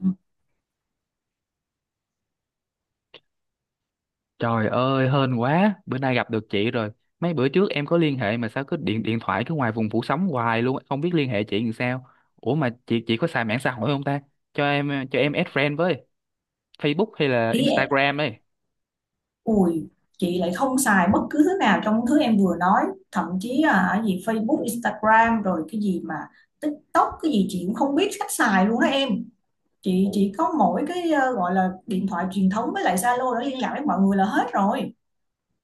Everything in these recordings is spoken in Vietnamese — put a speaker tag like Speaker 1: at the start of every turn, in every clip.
Speaker 1: Ừm,
Speaker 2: Trời ơi, hên quá, bữa nay gặp được chị rồi. Mấy bữa trước em có liên hệ mà sao cứ điện điện thoại cứ ngoài vùng phủ sóng hoài luôn, không biết liên hệ chị làm sao. Ủa mà chị có xài mạng xã hội không ta? Cho em add friend với Facebook hay là
Speaker 1: ý em
Speaker 2: Instagram ấy.
Speaker 1: ui chị lại không xài bất cứ thứ nào trong thứ em vừa nói, thậm chí là cái gì Facebook, Instagram rồi cái gì mà TikTok cái gì chị cũng không biết cách xài luôn đó em. Chị
Speaker 2: Ủa,
Speaker 1: chỉ có mỗi cái gọi là điện thoại truyền thống với lại Zalo để liên lạc với mọi người là hết rồi.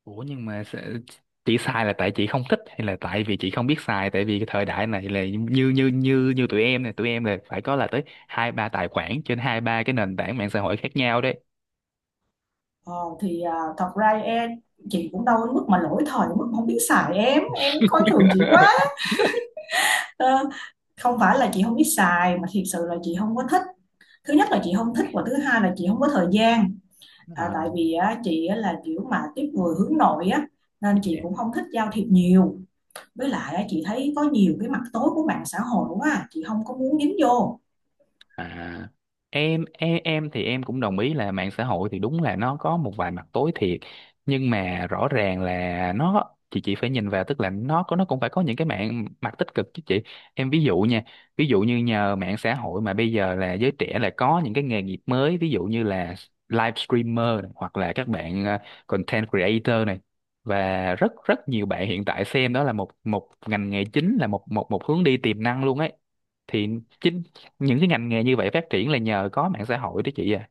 Speaker 2: ủa, nhưng mà chị xài là tại chị không thích hay là tại vì chị không biết xài tại vì cái thời đại này là như như như như tụi em này, tụi em là phải có là tới hai ba tài khoản trên hai ba cái nền tảng mạng xã hội khác nhau đấy.
Speaker 1: Ờ, thì à, thật ra em Chị cũng đâu đến mức mà lỗi thời đến mức không biết xài, em coi thường chị quá. Ờ, không phải là chị không biết xài mà thiệt sự là chị không có thích. Thứ nhất là chị không thích và thứ hai là chị không có thời gian. À, tại vì á, chị á, là kiểu mà tiếp người hướng nội á, nên chị
Speaker 2: À.
Speaker 1: cũng không thích giao thiệp nhiều. Với lại á, chị thấy có nhiều cái mặt tối của mạng xã hội quá à. Chị không có muốn dính vô.
Speaker 2: À, em thì em cũng đồng ý là mạng xã hội thì đúng là nó có một vài mặt tối thiệt nhưng mà rõ ràng là nó chị phải nhìn vào tức là nó có nó cũng phải có những cái mạng mặt tích cực chứ chị em ví dụ nha. Ví dụ như nhờ mạng xã hội mà bây giờ là giới trẻ là có những cái nghề nghiệp mới, ví dụ như là live streamer này, hoặc là các bạn content creator này và rất rất nhiều bạn hiện tại xem đó là một một ngành nghề chính, là một một một hướng đi tiềm năng luôn ấy. Thì chính những cái ngành nghề như vậy phát triển là nhờ có mạng xã hội đó chị à.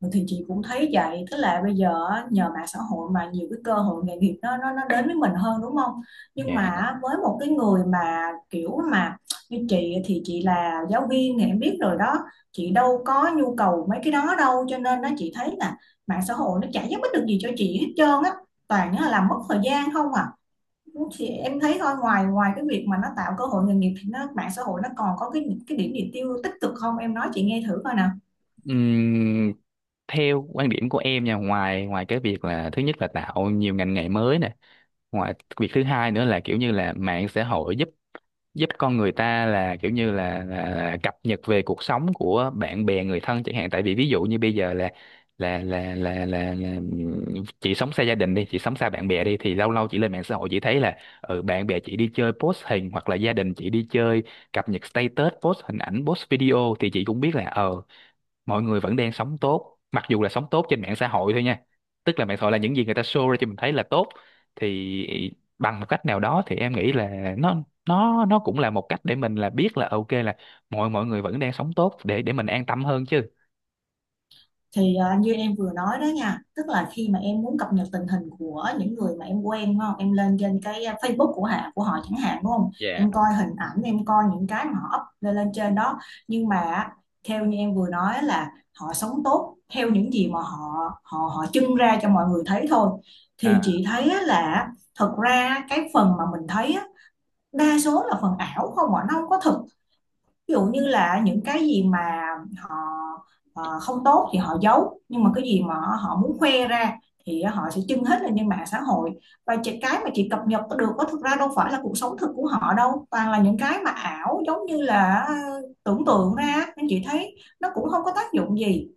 Speaker 1: Ừ, thì chị cũng thấy vậy, tức là bây giờ á, nhờ mạng xã hội mà nhiều cái cơ hội nghề nghiệp nó đến với mình hơn, đúng không? Nhưng
Speaker 2: Dạ.
Speaker 1: mà á, với một cái người mà kiểu mà như chị thì chị là giáo viên thì em biết rồi đó, chị đâu có nhu cầu mấy cái đó đâu, cho nên nó chị thấy là mạng xã hội nó chả giúp ích được gì cho chị hết trơn á, toàn là làm mất thời gian không à. Thì em thấy thôi, ngoài ngoài cái việc mà nó tạo cơ hội nghề nghiệp thì mạng xã hội nó còn có cái điểm gì tích cực không em nói chị nghe thử coi nè.
Speaker 2: Ừm, Theo quan điểm của em nha, ngoài ngoài cái việc là thứ nhất là tạo nhiều ngành nghề mới nè, ngoài việc thứ hai nữa là kiểu như là mạng xã hội giúp giúp con người ta là kiểu như là cập nhật về cuộc sống của bạn bè người thân chẳng hạn. Tại vì ví dụ như bây giờ là là là là là, là ừm, chị sống xa gia đình đi, chị sống xa bạn bè đi, thì lâu lâu chị lên mạng xã hội chị thấy là bạn bè chị đi chơi post hình hoặc là gia đình chị đi chơi cập nhật status, post hình ảnh, post video, thì chị cũng biết là mọi người vẫn đang sống tốt, mặc dù là sống tốt trên mạng xã hội thôi nha. Tức là mạng xã hội là những gì người ta show ra cho mình thấy là tốt. Thì bằng một cách nào đó thì em nghĩ là nó cũng là một cách để mình là biết là ok là mọi mọi người vẫn đang sống tốt để mình an tâm hơn chứ.
Speaker 1: Thì như em vừa nói đó nha, tức là khi mà em muốn cập nhật tình hình của những người mà em quen đúng không, em lên trên cái Facebook của họ chẳng hạn đúng không,
Speaker 2: Dạ.
Speaker 1: em coi hình ảnh, em coi những cái mà họ up lên lên trên đó. Nhưng mà á, theo như em vừa nói là họ sống tốt theo những gì mà họ họ họ trưng ra cho mọi người thấy thôi. Thì
Speaker 2: À.
Speaker 1: chị thấy á là thật ra cái phần mà mình thấy á, đa số là phần ảo không ạ, nó không có thực. Ví dụ như là những cái gì mà họ không tốt thì họ giấu, nhưng mà cái gì mà họ muốn khoe ra thì họ sẽ trưng hết lên trên mạng xã hội. Và cái mà chị cập nhật được có thực ra đâu phải là cuộc sống thực của họ đâu, toàn là những cái mà ảo giống như là tưởng tượng ra, nên chị thấy nó cũng không có tác dụng gì.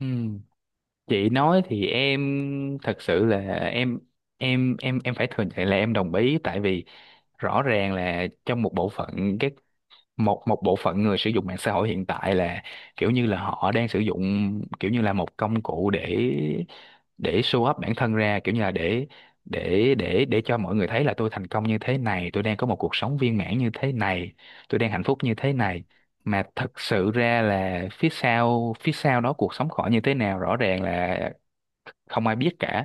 Speaker 2: Ừ. Chị nói thì em thật sự là em em phải thừa nhận là em đồng ý. Tại vì rõ ràng là trong một bộ phận các một một bộ phận người sử dụng mạng xã hội hiện tại là kiểu như là họ đang sử dụng kiểu như là một công cụ để show up bản thân ra, kiểu như là để cho mọi người thấy là tôi thành công như thế này, tôi đang có một cuộc sống viên mãn như thế này, tôi đang hạnh phúc như thế này. Mà thật sự ra là phía sau đó cuộc sống họ như thế nào rõ ràng là không ai biết cả.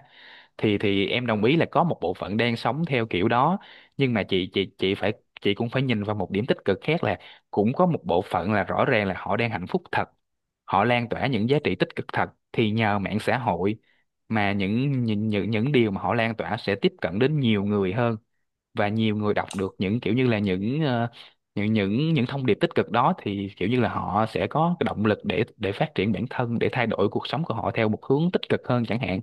Speaker 2: Thì em đồng ý là có một bộ phận đang sống theo kiểu đó, nhưng mà chị phải chị cũng phải nhìn vào một điểm tích cực khác là cũng có một bộ phận là rõ ràng là họ đang hạnh phúc thật, họ lan tỏa những giá trị tích cực thật. Thì nhờ mạng xã hội mà những điều mà họ lan tỏa sẽ tiếp cận đến nhiều người hơn, và nhiều người đọc được những kiểu như là những những thông điệp tích cực đó thì kiểu như là họ sẽ có cái động lực để phát triển bản thân, để thay đổi cuộc sống của họ theo một hướng tích cực hơn chẳng hạn.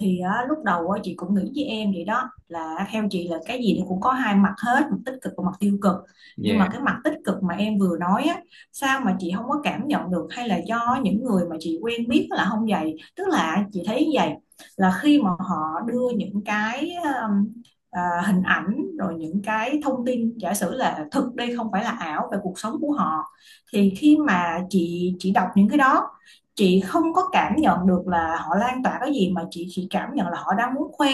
Speaker 1: Thì á, lúc đầu á, chị cũng nghĩ với em vậy đó, là theo chị là cái gì nó cũng có hai mặt hết, mặt tích cực và mặt tiêu cực. Nhưng mà
Speaker 2: Dạ.
Speaker 1: cái mặt tích cực mà em vừa nói á, sao mà chị không có cảm nhận được, hay là do những người mà chị quen biết là không vậy, tức là chị thấy như vậy là khi mà họ đưa những cái hình ảnh rồi những cái thông tin, giả sử là thực đây không phải là ảo, về cuộc sống của họ, thì khi mà chị đọc những cái đó, chị không có cảm nhận được là họ lan tỏa cái gì mà chị chỉ cảm nhận là họ đang muốn khoe.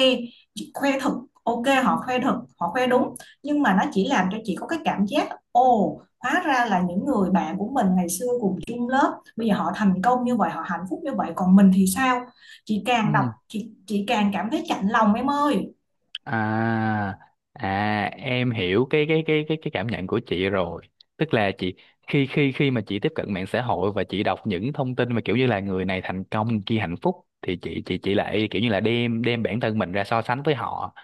Speaker 1: Chị khoe thật, ok họ khoe thật họ khoe đúng, nhưng mà nó chỉ làm cho chị có cái cảm giác ồ, hóa ra là những người bạn của mình ngày xưa cùng chung lớp bây giờ họ thành công như vậy, họ hạnh phúc như vậy, còn mình thì sao? Chị càng đọc
Speaker 2: Ừ.
Speaker 1: chị càng cảm thấy chạnh lòng em ơi.
Speaker 2: À, à, em hiểu cái cảm nhận của chị rồi. Tức là chị khi khi khi mà chị tiếp cận mạng xã hội và chị đọc những thông tin mà kiểu như là người này thành công, người kia hạnh phúc, thì chị lại kiểu như là đem đem bản thân mình ra so sánh với họ.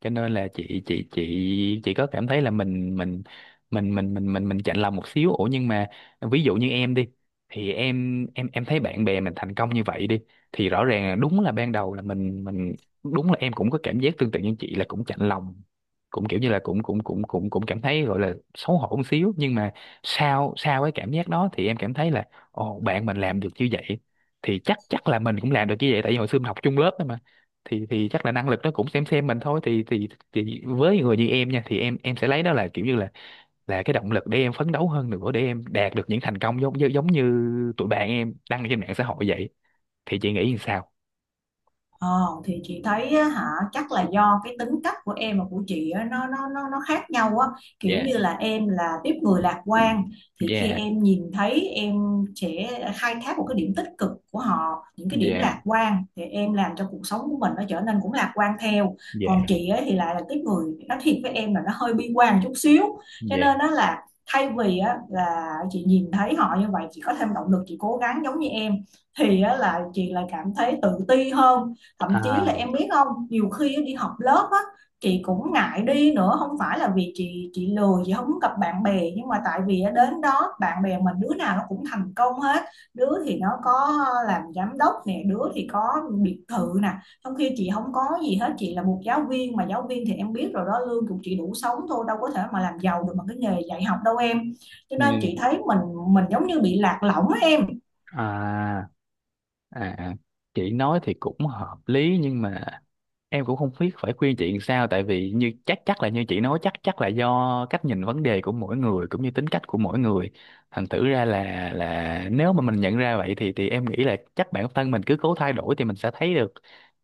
Speaker 2: Cho nên là chị có cảm thấy là mình chạnh lòng một xíu. Ủa nhưng mà ví dụ như em đi, thì em thấy bạn bè mình thành công như vậy đi thì rõ ràng là đúng là ban đầu là mình đúng là em cũng có cảm giác tương tự như chị là cũng chạnh lòng, cũng kiểu như là cũng cũng cũng cũng cũng cảm thấy gọi là xấu hổ một xíu. Nhưng mà sau sau cái cảm giác đó thì em cảm thấy là ồ bạn mình làm được như vậy thì chắc chắc là mình cũng làm được như vậy, tại vì hồi xưa mình học chung lớp đó mà, thì chắc là năng lực nó cũng xem mình thôi. Thì với người như em nha thì em sẽ lấy đó là kiểu như là cái động lực để em phấn đấu hơn nữa để em đạt được những thành công giống như tụi bạn em đăng trên mạng xã hội vậy. Thì chị nghĩ như sao?
Speaker 1: Ờ, thì chị thấy á, hả, chắc là do cái tính cách của em và của chị á, nó khác nhau á, kiểu
Speaker 2: Dạ,
Speaker 1: như là em là tiếp người lạc quan, thì khi
Speaker 2: dạ,
Speaker 1: em nhìn thấy, em sẽ khai thác một cái điểm tích cực của họ, những cái điểm
Speaker 2: dạ,
Speaker 1: lạc quan, thì em làm cho cuộc sống của mình nó trở nên cũng lạc quan theo.
Speaker 2: dạ.
Speaker 1: Còn chị ấy thì lại là tiếp người, nói thiệt với em là nó hơi bi quan chút xíu, cho
Speaker 2: Dạ.
Speaker 1: nên nó là thay vì á, là chị nhìn thấy họ như vậy chị có thêm động lực chị cố gắng giống như em, thì á, là chị lại cảm thấy tự ti hơn. Thậm chí
Speaker 2: À,
Speaker 1: là em biết không, nhiều khi đi học lớp á, chị cũng ngại đi nữa, không phải là vì chị lười chị không muốn gặp bạn bè, nhưng mà tại vì đến đó bạn bè mình đứa nào nó cũng thành công hết. Đứa thì nó có làm giám đốc nè, đứa thì có biệt thự nè, trong khi chị không có gì hết. Chị là một giáo viên mà giáo viên thì em biết rồi đó, lương của chị đủ sống thôi, đâu có thể mà làm giàu được bằng cái nghề dạy học đâu em. Cho nên
Speaker 2: nghe-
Speaker 1: chị thấy mình giống như bị lạc lõng á em.
Speaker 2: à, à, à, chị nói thì cũng hợp lý nhưng mà em cũng không biết phải khuyên chị làm sao, tại vì như chắc chắc là như chị nói chắc chắc là do cách nhìn vấn đề của mỗi người cũng như tính cách của mỗi người. Thành thử ra là nếu mà mình nhận ra vậy thì em nghĩ là chắc bản thân mình cứ cố thay đổi thì mình sẽ thấy được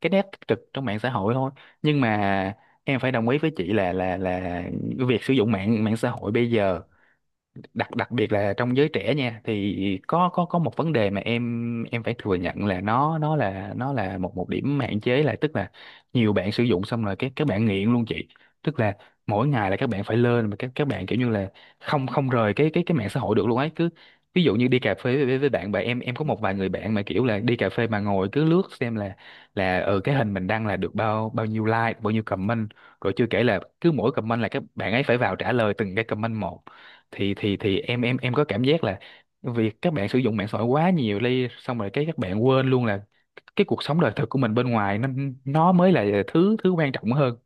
Speaker 2: cái nét tích cực trong mạng xã hội thôi. Nhưng mà em phải đồng ý với chị là việc sử dụng mạng mạng xã hội bây giờ đặc đặc biệt là trong giới trẻ nha thì có một vấn đề mà em phải thừa nhận là nó là một một điểm hạn chế là tức là nhiều bạn sử dụng xong rồi các bạn nghiện luôn chị. Tức là mỗi ngày là các bạn phải lên mà các bạn kiểu như là không không rời cái mạng xã hội được luôn ấy. Cứ ví dụ như đi cà phê với bạn bè, em có một vài người bạn mà kiểu là đi cà phê mà ngồi cứ lướt xem là ở cái hình mình đăng là được bao bao nhiêu like, bao nhiêu comment, rồi chưa kể là cứ mỗi comment là các bạn ấy phải vào trả lời từng cái comment một. Thì em có cảm giác là việc các bạn sử dụng mạng xã hội quá nhiều đi, xong rồi cái các bạn quên luôn là cái cuộc sống đời thực của mình bên ngoài nó mới là thứ thứ quan trọng hơn.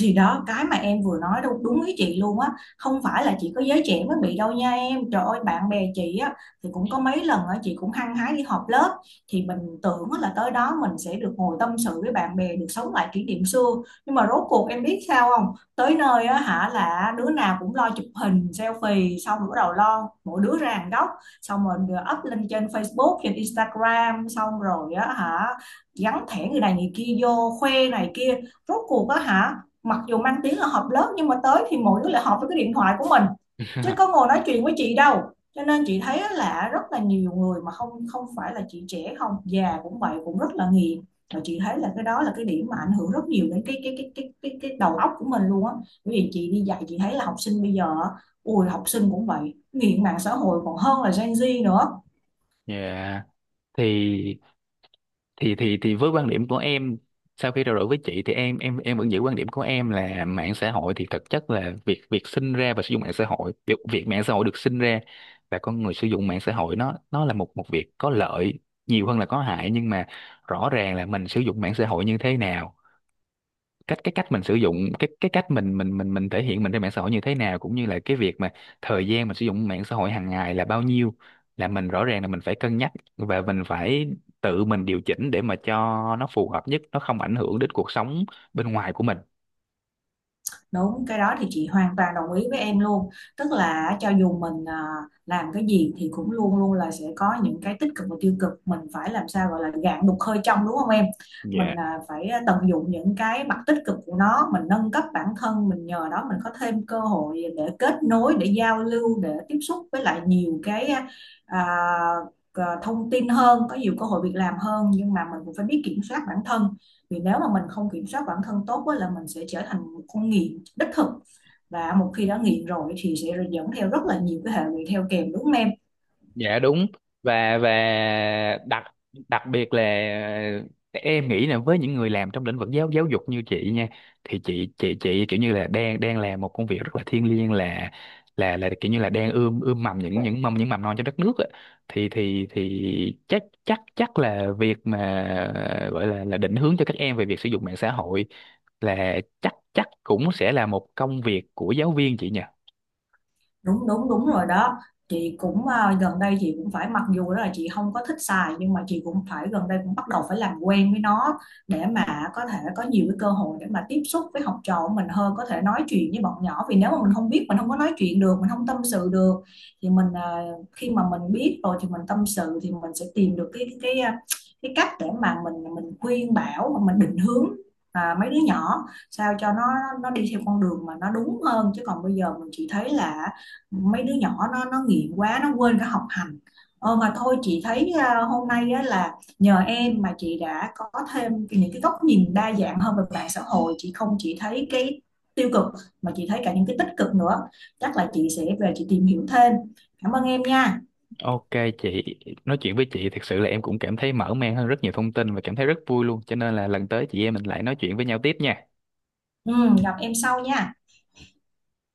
Speaker 1: Thì đó, cái mà em vừa nói đâu đúng ý chị luôn á. Không phải là chỉ có giới trẻ mới bị đâu nha em, trời ơi, bạn bè chị á thì cũng có mấy lần á chị cũng hăng hái đi họp lớp. Thì mình tưởng á là tới đó mình sẽ được ngồi tâm sự với bạn bè, được sống lại kỷ niệm xưa, nhưng mà rốt cuộc em biết sao không, tới nơi á hả là đứa nào cũng lo chụp hình selfie, xong rồi bắt đầu lo mỗi đứa ra hàng góc, xong rồi up lên trên Facebook, trên Instagram, xong rồi á hả gắn thẻ người này người kia vô khoe này kia. Rốt cuộc á hả, mặc dù mang tiếng là họp lớp nhưng mà tới thì mỗi đứa lại họp với cái điện thoại của mình, chứ có ngồi nói chuyện với chị đâu. Cho nên chị thấy là rất là nhiều người mà không, không phải là chị, trẻ không già cũng vậy, cũng rất là nghiện. Mà chị thấy là cái đó là cái điểm mà ảnh hưởng rất nhiều đến cái đầu óc của mình luôn á. Bởi vì chị đi dạy chị thấy là học sinh bây giờ, ui học sinh cũng vậy, nghiện mạng xã hội còn hơn là Gen Z nữa.
Speaker 2: Yeah. thì thì với quan điểm của em, sau khi trao đổi với chị thì em em vẫn giữ quan điểm của em là mạng xã hội thì thực chất là việc việc sinh ra và sử dụng mạng xã hội, việc việc mạng xã hội được sinh ra và con người sử dụng mạng xã hội nó là một một việc có lợi nhiều hơn là có hại. Nhưng mà rõ ràng là mình sử dụng mạng xã hội như thế nào, cái cách mình sử dụng, cái cách mình mình thể hiện mình trên mạng xã hội như thế nào, cũng như là cái việc mà thời gian mình sử dụng mạng xã hội hàng ngày là bao nhiêu, là mình rõ ràng là mình phải cân nhắc và mình phải tự mình điều chỉnh để mà cho nó phù hợp nhất, nó không ảnh hưởng đến cuộc sống bên ngoài của mình.
Speaker 1: Đúng, cái đó thì chị hoàn toàn đồng ý với em luôn. Tức là cho dù mình làm cái gì thì cũng luôn luôn là sẽ có những cái tích cực và tiêu cực. Mình phải làm sao gọi là gạn đục hơi trong đúng không em? Mình
Speaker 2: Dạ.
Speaker 1: phải tận dụng những cái mặt tích cực của nó, mình nâng cấp bản thân, mình nhờ đó mình có thêm cơ hội để kết nối, để giao lưu, để tiếp xúc với lại nhiều cái thông tin hơn, có nhiều cơ hội việc làm hơn. Nhưng mà mình cũng phải biết kiểm soát bản thân, vì nếu mà mình không kiểm soát bản thân tốt á, là mình sẽ trở thành một con nghiện đích thực, và một khi đã nghiện rồi thì sẽ dẫn theo rất là nhiều cái hệ lụy theo kèm đúng không em?
Speaker 2: Dạ đúng. Và đặc đặc biệt là ờ, em nghĩ là với những người làm trong lĩnh vực giáo giáo dục như chị nha, thì chị kiểu như là đang đang làm một công việc rất là thiêng liêng, là kiểu như là đang ươm ươm mầm những mầm, những mầm non cho đất nước á. Thì chắc chắc chắc là việc mà gọi là định hướng cho các em về việc sử dụng mạng xã hội là chắc chắc cũng sẽ là một công việc của giáo viên chị nhỉ.
Speaker 1: Đúng đúng đúng rồi đó. Chị cũng gần đây chị cũng phải, mặc dù đó là chị không có thích xài, nhưng mà chị cũng phải gần đây cũng bắt đầu phải làm quen với nó, để mà có thể có nhiều cái cơ hội để mà tiếp xúc với học trò của mình hơn, có thể nói chuyện với bọn nhỏ. Vì nếu mà mình không biết, mình không có nói chuyện được, mình không tâm sự được, thì mình khi mà mình biết rồi thì mình tâm sự thì mình sẽ tìm được cái cách để mà mình khuyên bảo, mà mình định hướng mấy đứa nhỏ, sao cho nó đi theo con đường mà nó đúng hơn. Chứ còn bây giờ mình chỉ thấy là mấy đứa nhỏ nó nghiện quá, nó quên cả học hành. Mà thôi, chị thấy à, hôm nay á, là nhờ em mà chị đã có thêm những cái góc nhìn đa dạng hơn về mạng xã hội, chị không chỉ thấy cái tiêu cực mà chị thấy cả những cái tích cực nữa. Chắc là chị sẽ về chị tìm hiểu thêm. Cảm ơn em nha.
Speaker 2: Ok chị, nói chuyện với chị thật sự là em cũng cảm thấy mở mang hơn rất nhiều thông tin và cảm thấy rất vui luôn. Cho nên là lần tới chị em mình lại nói chuyện với nhau tiếp nha.
Speaker 1: Ừ, gặp em sau nha.